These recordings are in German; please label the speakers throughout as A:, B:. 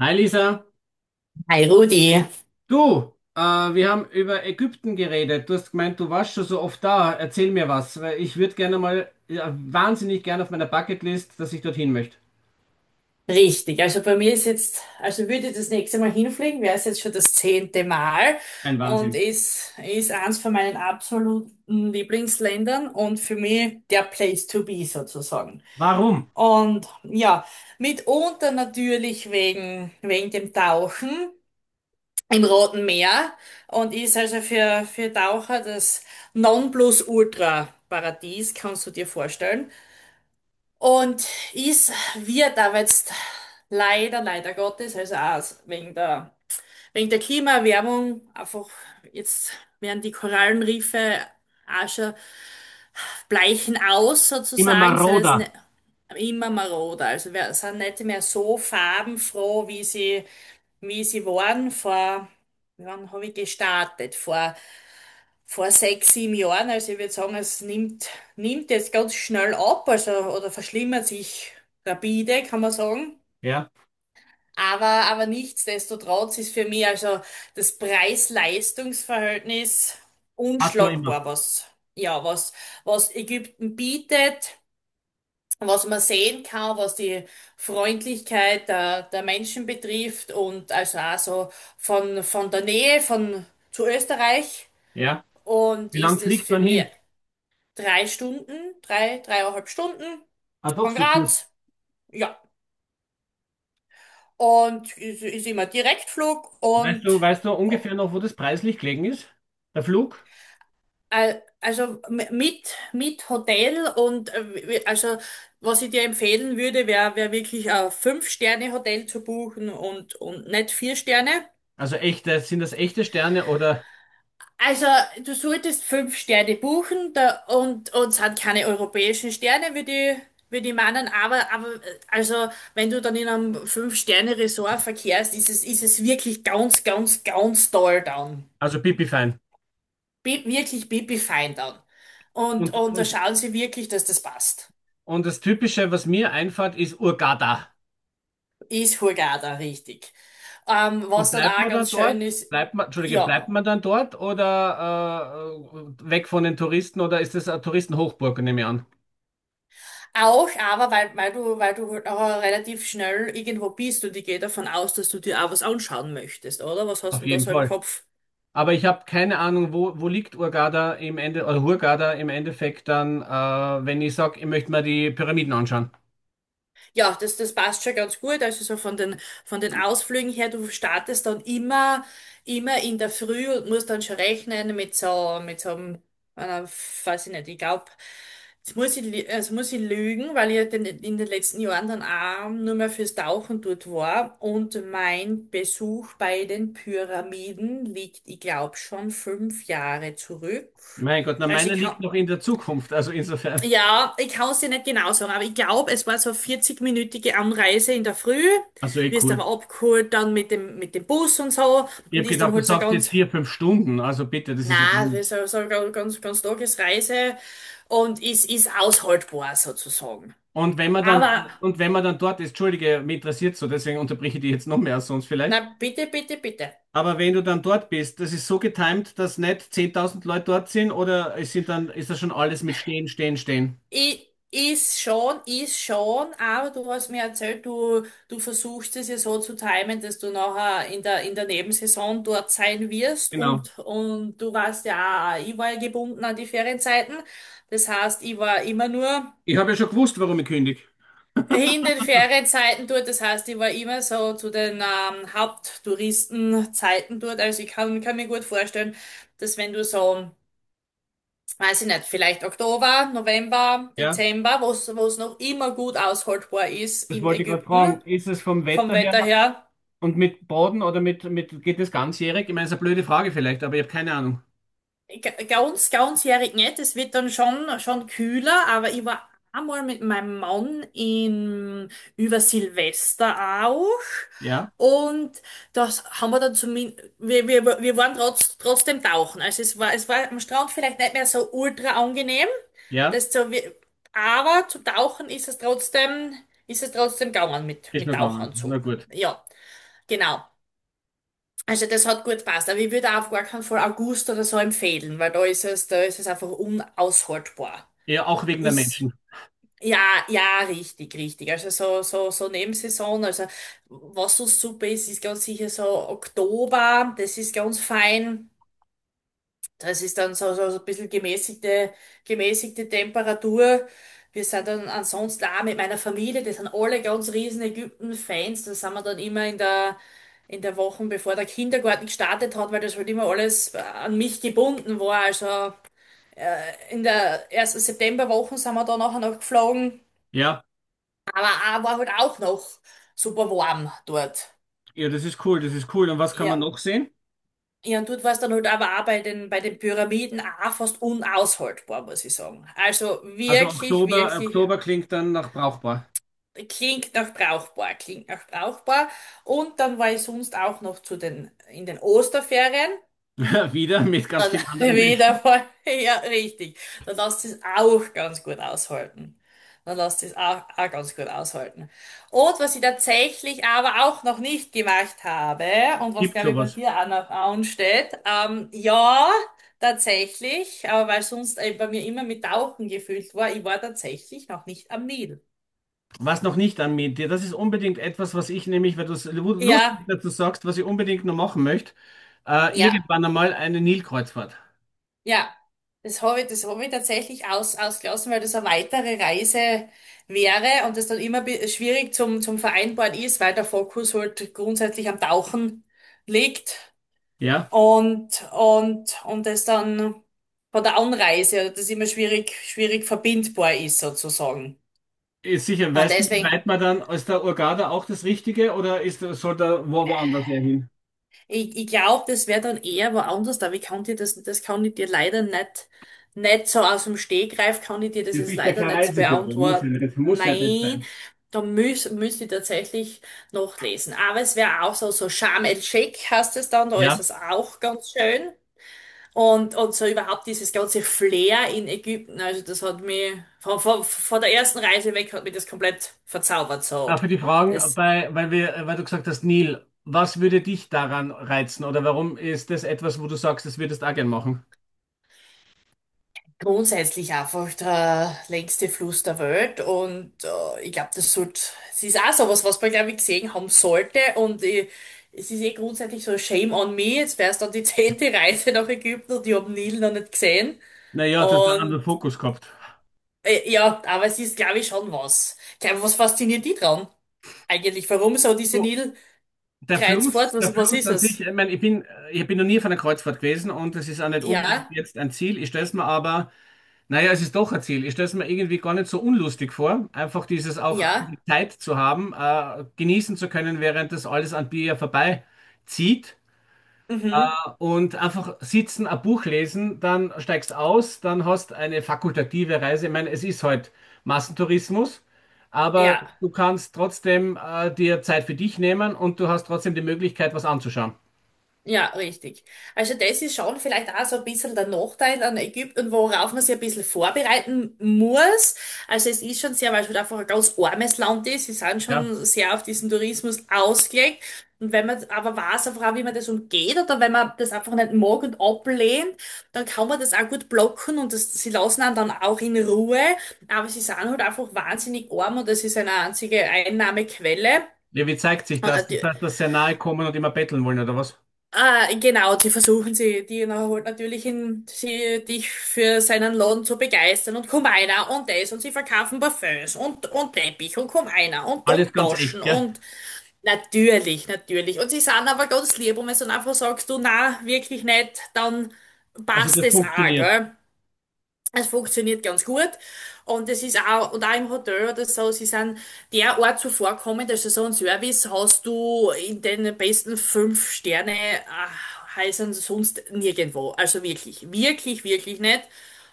A: Hi Lisa,
B: Hi Rudi,
A: du, wir haben über Ägypten geredet. Du hast gemeint, du warst schon so oft da. Erzähl mir was, weil ich würde gerne mal, ja, wahnsinnig gerne auf meiner Bucketlist, dass ich dorthin möchte.
B: richtig. Also bei mir ist jetzt, also würde ich das nächste Mal hinfliegen, wäre es jetzt schon das zehnte Mal
A: Ein
B: und
A: Wahnsinn.
B: ist eins von meinen absoluten Lieblingsländern und für mich der Place to be sozusagen.
A: Warum?
B: Und ja, mitunter natürlich wegen dem Tauchen im Roten Meer und ist also für Taucher das Nonplusultra-Paradies, kannst du dir vorstellen. Und es wird aber jetzt leider Gottes, also auch wegen der Klimaerwärmung, einfach jetzt werden die Korallenriffe auch schon bleichen aus
A: Immer
B: sozusagen, sind jetzt
A: maroder.
B: ne, immer maroder. Also wir sind nicht mehr so farbenfroh, wie sie waren vor, wann habe ich gestartet? Vor sechs, sieben Jahren. Also ich würde sagen, nimmt jetzt ganz schnell ab, also oder verschlimmert sich rapide, kann man sagen.
A: Ja,
B: Aber nichtsdestotrotz ist für mich also das Preis-Leistungs-Verhältnis
A: passt noch immer.
B: unschlagbar, ja, was, was Ägypten bietet, was man sehen kann, was die Freundlichkeit der Menschen betrifft und also auch so von der Nähe von zu Österreich
A: Ja.
B: und
A: Wie lang
B: ist es
A: fliegt
B: für
A: man
B: mich
A: hin?
B: drei Stunden, dreieinhalb Stunden
A: Ah, doch
B: von
A: so kurz.
B: Graz. Ja. Und ist immer Direktflug
A: Weißt
B: und
A: du, weißt du ungefähr noch, wo das preislich gelegen ist? Der Flug?
B: mit Hotel und also was ich dir empfehlen würde, wäre wär wär wirklich ein Fünf-Sterne-Hotel zu buchen und nicht vier Sterne.
A: Also echte, sind das echte Sterne oder,
B: Also, du solltest fünf Sterne buchen da, und uns sind keine europäischen Sterne, wie die meinen, also, wenn du dann in einem Fünf-Sterne-Resort verkehrst, ist es wirklich ganz, ganz, ganz toll dann.
A: also pipi fein.
B: Bi wirklich pipi-fein dann.
A: Und,
B: Und da
A: und,
B: schauen sie wirklich, dass das passt.
A: und das Typische, was mir einfällt, ist Hurghada.
B: Ist Hurghada, richtig.
A: Und
B: Was dann
A: bleibt
B: auch
A: man dann
B: ganz schön
A: dort?
B: ist,
A: Bleibt man, Entschuldige,
B: ja.
A: bleibt man dann dort oder weg von den Touristen oder ist es eine Touristenhochburg, nehme ich an?
B: Auch, aber weil du halt auch relativ schnell irgendwo bist und ich gehe davon aus, dass du dir auch was anschauen möchtest, oder? Was hast
A: Auf
B: du denn da
A: jeden
B: so im
A: Fall.
B: Kopf?
A: Aber ich habe keine Ahnung, wo, wo liegt Hurghada im Ende oder Hurghada im Endeffekt dann, wenn ich sage, ich möchte mir die Pyramiden anschauen.
B: Ja, das passt schon ganz gut. Also so von den Ausflügen her, du startest dann immer in der Früh und musst dann schon rechnen mit so einem, einer, weiß ich nicht, ich glaube, jetzt muss ich, lü- also muss ich lügen, weil ich ja den, in den letzten Jahren dann auch nur mehr fürs Tauchen dort war. Und mein Besuch bei den Pyramiden liegt, ich glaube, schon fünf Jahre zurück.
A: Mein Gott, na
B: Also
A: meiner liegt noch in der Zukunft, also insofern.
B: ich kann es dir nicht genau sagen, aber ich glaube, es war so eine 40-minütige Anreise in der Früh,
A: Also eh
B: wirst
A: cool.
B: aber abgeholt dann mit dem Bus und so
A: Ich
B: und
A: habe
B: ist dann
A: gedacht, du
B: halt so
A: sagst jetzt
B: ganz,
A: vier, fünf Stunden, also bitte, das ist ja
B: na,
A: gar
B: also
A: nicht.
B: so, so ganz, ganz, ganz Tagesreise und ist aushaltbar sozusagen.
A: Und wenn man dann,
B: Aber,
A: und wenn man dann dort ist, Entschuldige, mich interessiert so, deswegen unterbreche ich dich jetzt noch mehr als sonst vielleicht.
B: na, bitte, bitte, bitte.
A: Aber wenn du dann dort bist, das ist so getimt, dass nicht 10.000 Leute dort sind oder es sind dann, ist das schon alles mit Stehen, Stehen, Stehen.
B: Ist schon, aber du hast mir erzählt, du versuchst es ja so zu timen, dass du nachher in der Nebensaison dort sein wirst
A: Genau.
B: und du warst ja, auch- ich war ja gebunden an die Ferienzeiten. Das heißt, ich war immer nur
A: Ich habe ja schon gewusst, warum ich kündige.
B: in den Ferienzeiten dort. Das heißt, ich war immer so zu den Haupttouristenzeiten dort. Also kann mir gut vorstellen, dass wenn du so weiß ich nicht, vielleicht Oktober, November,
A: Ja,
B: Dezember, wo es noch immer gut aushaltbar ist
A: das
B: in
A: wollte ich gerade
B: Ägypten
A: fragen. Ist es vom
B: vom
A: Wetter her
B: Wetter her.
A: und mit Boden oder mit, geht das ganzjährig? Ich meine, es ist eine blöde Frage vielleicht, aber ich habe keine Ahnung.
B: Ga- Ganz, ganzjährig nicht. Es wird dann schon kühler, aber ich war einmal mit meinem Mann in, über Silvester auch.
A: Ja,
B: Und das haben wir dann zumindest, wir waren trotzdem tauchen. Also es war am Strand vielleicht nicht mehr so ultra angenehm.
A: ja,
B: Das so, wie- aber zu tauchen ist es trotzdem gegangen
A: ist
B: mit
A: nur gegangen. Na
B: Tauchanzug.
A: gut.
B: Ja, genau. Also das hat gut gepasst, aber ich würde auch auf gar keinen Fall August oder so empfehlen, weil da ist es einfach unaushaltbar.
A: Ja, auch wegen der
B: Ist,
A: Menschen.
B: ja, ja, richtig, richtig. Also so, so, so Nebensaison, also was so super ist, ist ganz sicher so Oktober, das ist ganz fein. Das ist dann so, so, so ein bisschen gemäßigte Temperatur. Wir sind dann ansonsten auch mit meiner Familie, die sind alle ganz riesen Ägypten-Fans. Da sind wir dann immer in der Woche, bevor der Kindergarten gestartet hat, weil das halt immer alles an mich gebunden war. Also in der ersten Septemberwoche sind wir dann nachher noch geflogen.
A: Ja,
B: Aber auch, war halt auch noch super warm dort.
A: ja, das ist cool, das ist cool. Und was kann man
B: Ja,
A: noch sehen?
B: Ja, und dort war es dann halt aber auch bei den Pyramiden auch fast unaushaltbar, muss ich sagen. Also
A: Also
B: wirklich,
A: Oktober,
B: wirklich,
A: Oktober klingt dann nach brauchbar.
B: klingt nach brauchbar, klingt nach brauchbar. Und dann war ich sonst auch noch zu den, in den Osterferien.
A: Wieder mit ganz
B: Dann
A: vielen anderen
B: wieder
A: Menschen.
B: voll. Ja, richtig. Dann lässt es auch ganz gut aushalten. Dann lässt es auch, auch ganz gut aushalten. Und was ich tatsächlich aber auch noch nicht gemacht habe und was
A: Gibt
B: glaube ich bei
A: sowas.
B: dir auch noch ansteht, ja, tatsächlich, aber weil sonst bei mir immer mit Tauchen gefüllt war, ich war tatsächlich noch nicht am Nil.
A: Was noch nicht an mir, das ist unbedingt etwas, was ich nämlich, weil du es lustig
B: Ja,
A: dazu sagst, was ich unbedingt noch machen möchte,
B: ja,
A: irgendwann einmal eine Nilkreuzfahrt.
B: ja, das habe ich tatsächlich ausgelassen, weil das eine weitere Reise wäre und das dann immer bi- schwierig zum Vereinbaren ist, weil der Fokus halt grundsätzlich am Tauchen liegt
A: Ja,
B: und das dann von der Anreise, also das immer schwierig verbindbar ist sozusagen.
A: ist sicher.
B: Und
A: Weißt du, wie
B: deswegen
A: weit man dann, ist der Hurghada auch das Richtige oder ist, soll da wo, woanders eher hin?
B: ich glaube, das wäre dann eher woanders, aber ich kann dir das, das kann ich dir leider nicht, nicht so aus dem Stegreif, kann ich dir das
A: Du
B: jetzt
A: bist ja
B: leider
A: kein
B: nicht
A: Reisebüro,
B: beantworten.
A: muss ja nicht
B: Nein,
A: sein.
B: da müß, müsste ich tatsächlich noch lesen. Aber es wäre auch so, so Sharm el-Sheikh heißt es dann, da ist
A: Ja.
B: es auch ganz schön. Und so überhaupt dieses ganze Flair in Ägypten, also das hat mich, von der ersten Reise weg hat mich das komplett verzaubert, so.
A: Für die Fragen,
B: Das,
A: bei, weil wir, weil du gesagt hast, Nil, was würde dich daran reizen oder warum ist das etwas, wo du sagst, das würdest du auch gern machen?
B: grundsätzlich einfach der längste Fluss der Welt und ich glaube, das sollte, es ist auch sowas, was man, glaube ich, gesehen haben sollte und ich, es ist eh grundsätzlich so Shame on me, jetzt wäre es dann die zehnte Reise nach Ägypten und ich habe Nil noch nicht gesehen
A: Naja, du hast einen
B: und
A: anderen Fokus gehabt.
B: ja, aber es ist, glaube ich, schon was. Ich glaube, was fasziniert die dran eigentlich? Warum so diese
A: Du, der Fluss,
B: Nilkreuzfahrt?
A: der
B: Was, was
A: Fluss
B: ist
A: an sich,
B: es?
A: ich meine, ich bin noch nie auf einer Kreuzfahrt gewesen und es ist auch nicht unbedingt
B: Ja,
A: jetzt ein Ziel. Ich stelle es mir aber, naja, es ist doch ein Ziel. Ich stelle es mir irgendwie gar nicht so unlustig vor, einfach dieses auch
B: ja,
A: Zeit zu haben, genießen zu können, während das alles an dir ja vorbeizieht
B: mhm,
A: und einfach sitzen, ein Buch lesen, dann steigst aus, dann hast eine fakultative Reise. Ich meine, es ist halt Massentourismus, aber
B: ja.
A: du kannst trotzdem dir Zeit für dich nehmen und du hast trotzdem die Möglichkeit, was anzuschauen.
B: Ja, richtig. Also das ist schon vielleicht auch so ein bisschen der Nachteil an Ägypten, worauf man sich ein bisschen vorbereiten muss. Also es ist schon sehr, weil es halt einfach ein ganz armes Land ist. Sie sind
A: Ja.
B: schon sehr auf diesen Tourismus ausgelegt. Und wenn man aber weiß, einfach auch, wie man das umgeht oder wenn man das einfach nicht mag und ablehnt, dann kann man das auch gut blocken und das, sie lassen einen dann auch in Ruhe. Aber sie sind halt einfach wahnsinnig arm und das ist eine einzige Einnahmequelle.
A: Ja, wie zeigt sich das? Das heißt, dass sehr nahe kommen und immer betteln wollen oder was?
B: Ah, genau, die versuchen sie, die holt natürlich ihn, sie, dich für seinen Laden zu begeistern und komm einer und das und sie verkaufen Parfüms und Teppich und komm einer
A: Alles
B: und
A: ganz
B: Taschen
A: echt, gell?
B: und natürlich, natürlich. Und sie sind aber ganz lieb und wenn du dann einfach sagst, du, na, wirklich nicht, dann
A: Also
B: passt
A: das
B: es auch,
A: funktioniert.
B: gell? Es funktioniert ganz gut und es ist auch, und auch im Hotel oder so, sie sind derart zuvorkommend, also so ein Service hast du in den besten fünf Sterne Häusern sonst nirgendwo. Also wirklich, wirklich, wirklich nicht.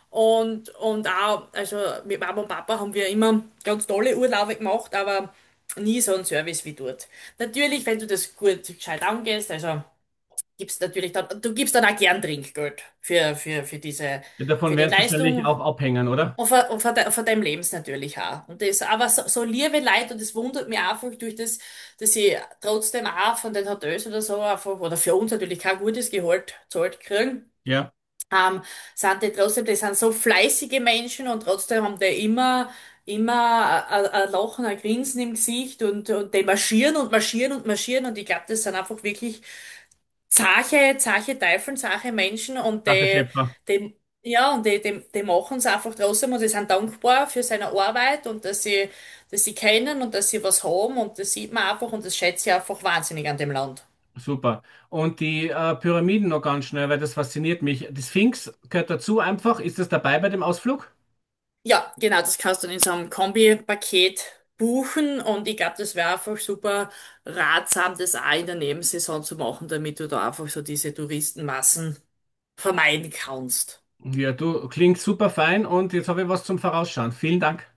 B: Und auch, also mit Mama und Papa haben wir immer ganz tolle Urlaube gemacht, aber nie so einen Service wie dort. Natürlich, wenn du das gut gescheit angehst, also gibst natürlich dann, du gibst dann auch gern Trinkgeld für diese,
A: Davon
B: für die
A: werden wahrscheinlich
B: Leistung.
A: auch abhängen, oder?
B: Von deinem Lebens natürlich auch. Und das, aber so, so liebe Leute, und das wundert mich einfach durch das, dass ich trotzdem auch von den Hotels oder so einfach, oder für uns natürlich kein gutes Gehalt zahlt kriegen,
A: Ja.
B: ähm, sind die trotzdem, die sind so fleißige Menschen und trotzdem haben die immer ein Lachen, ein Grinsen im Gesicht und die marschieren und marschieren und marschieren und ich glaube, das sind einfach wirklich zarte Teufel, zarte Menschen und
A: Sache, Schäpfer.
B: die, ja, und die machen es einfach trotzdem und die sind dankbar für seine Arbeit und dass sie können und dass sie was haben und das sieht man einfach und das schätze ich einfach wahnsinnig an dem Land.
A: Super. Und die Pyramiden noch ganz schnell, weil das fasziniert mich. Die Sphinx gehört dazu einfach. Ist das dabei bei dem Ausflug?
B: Ja, genau, das kannst du in so einem Kombi-Paket buchen und ich glaube, das wäre einfach super ratsam, das auch in der Nebensaison zu machen, damit du da einfach so diese Touristenmassen vermeiden kannst.
A: Ja, du klingst super fein und jetzt habe ich was zum Vorausschauen. Vielen Dank.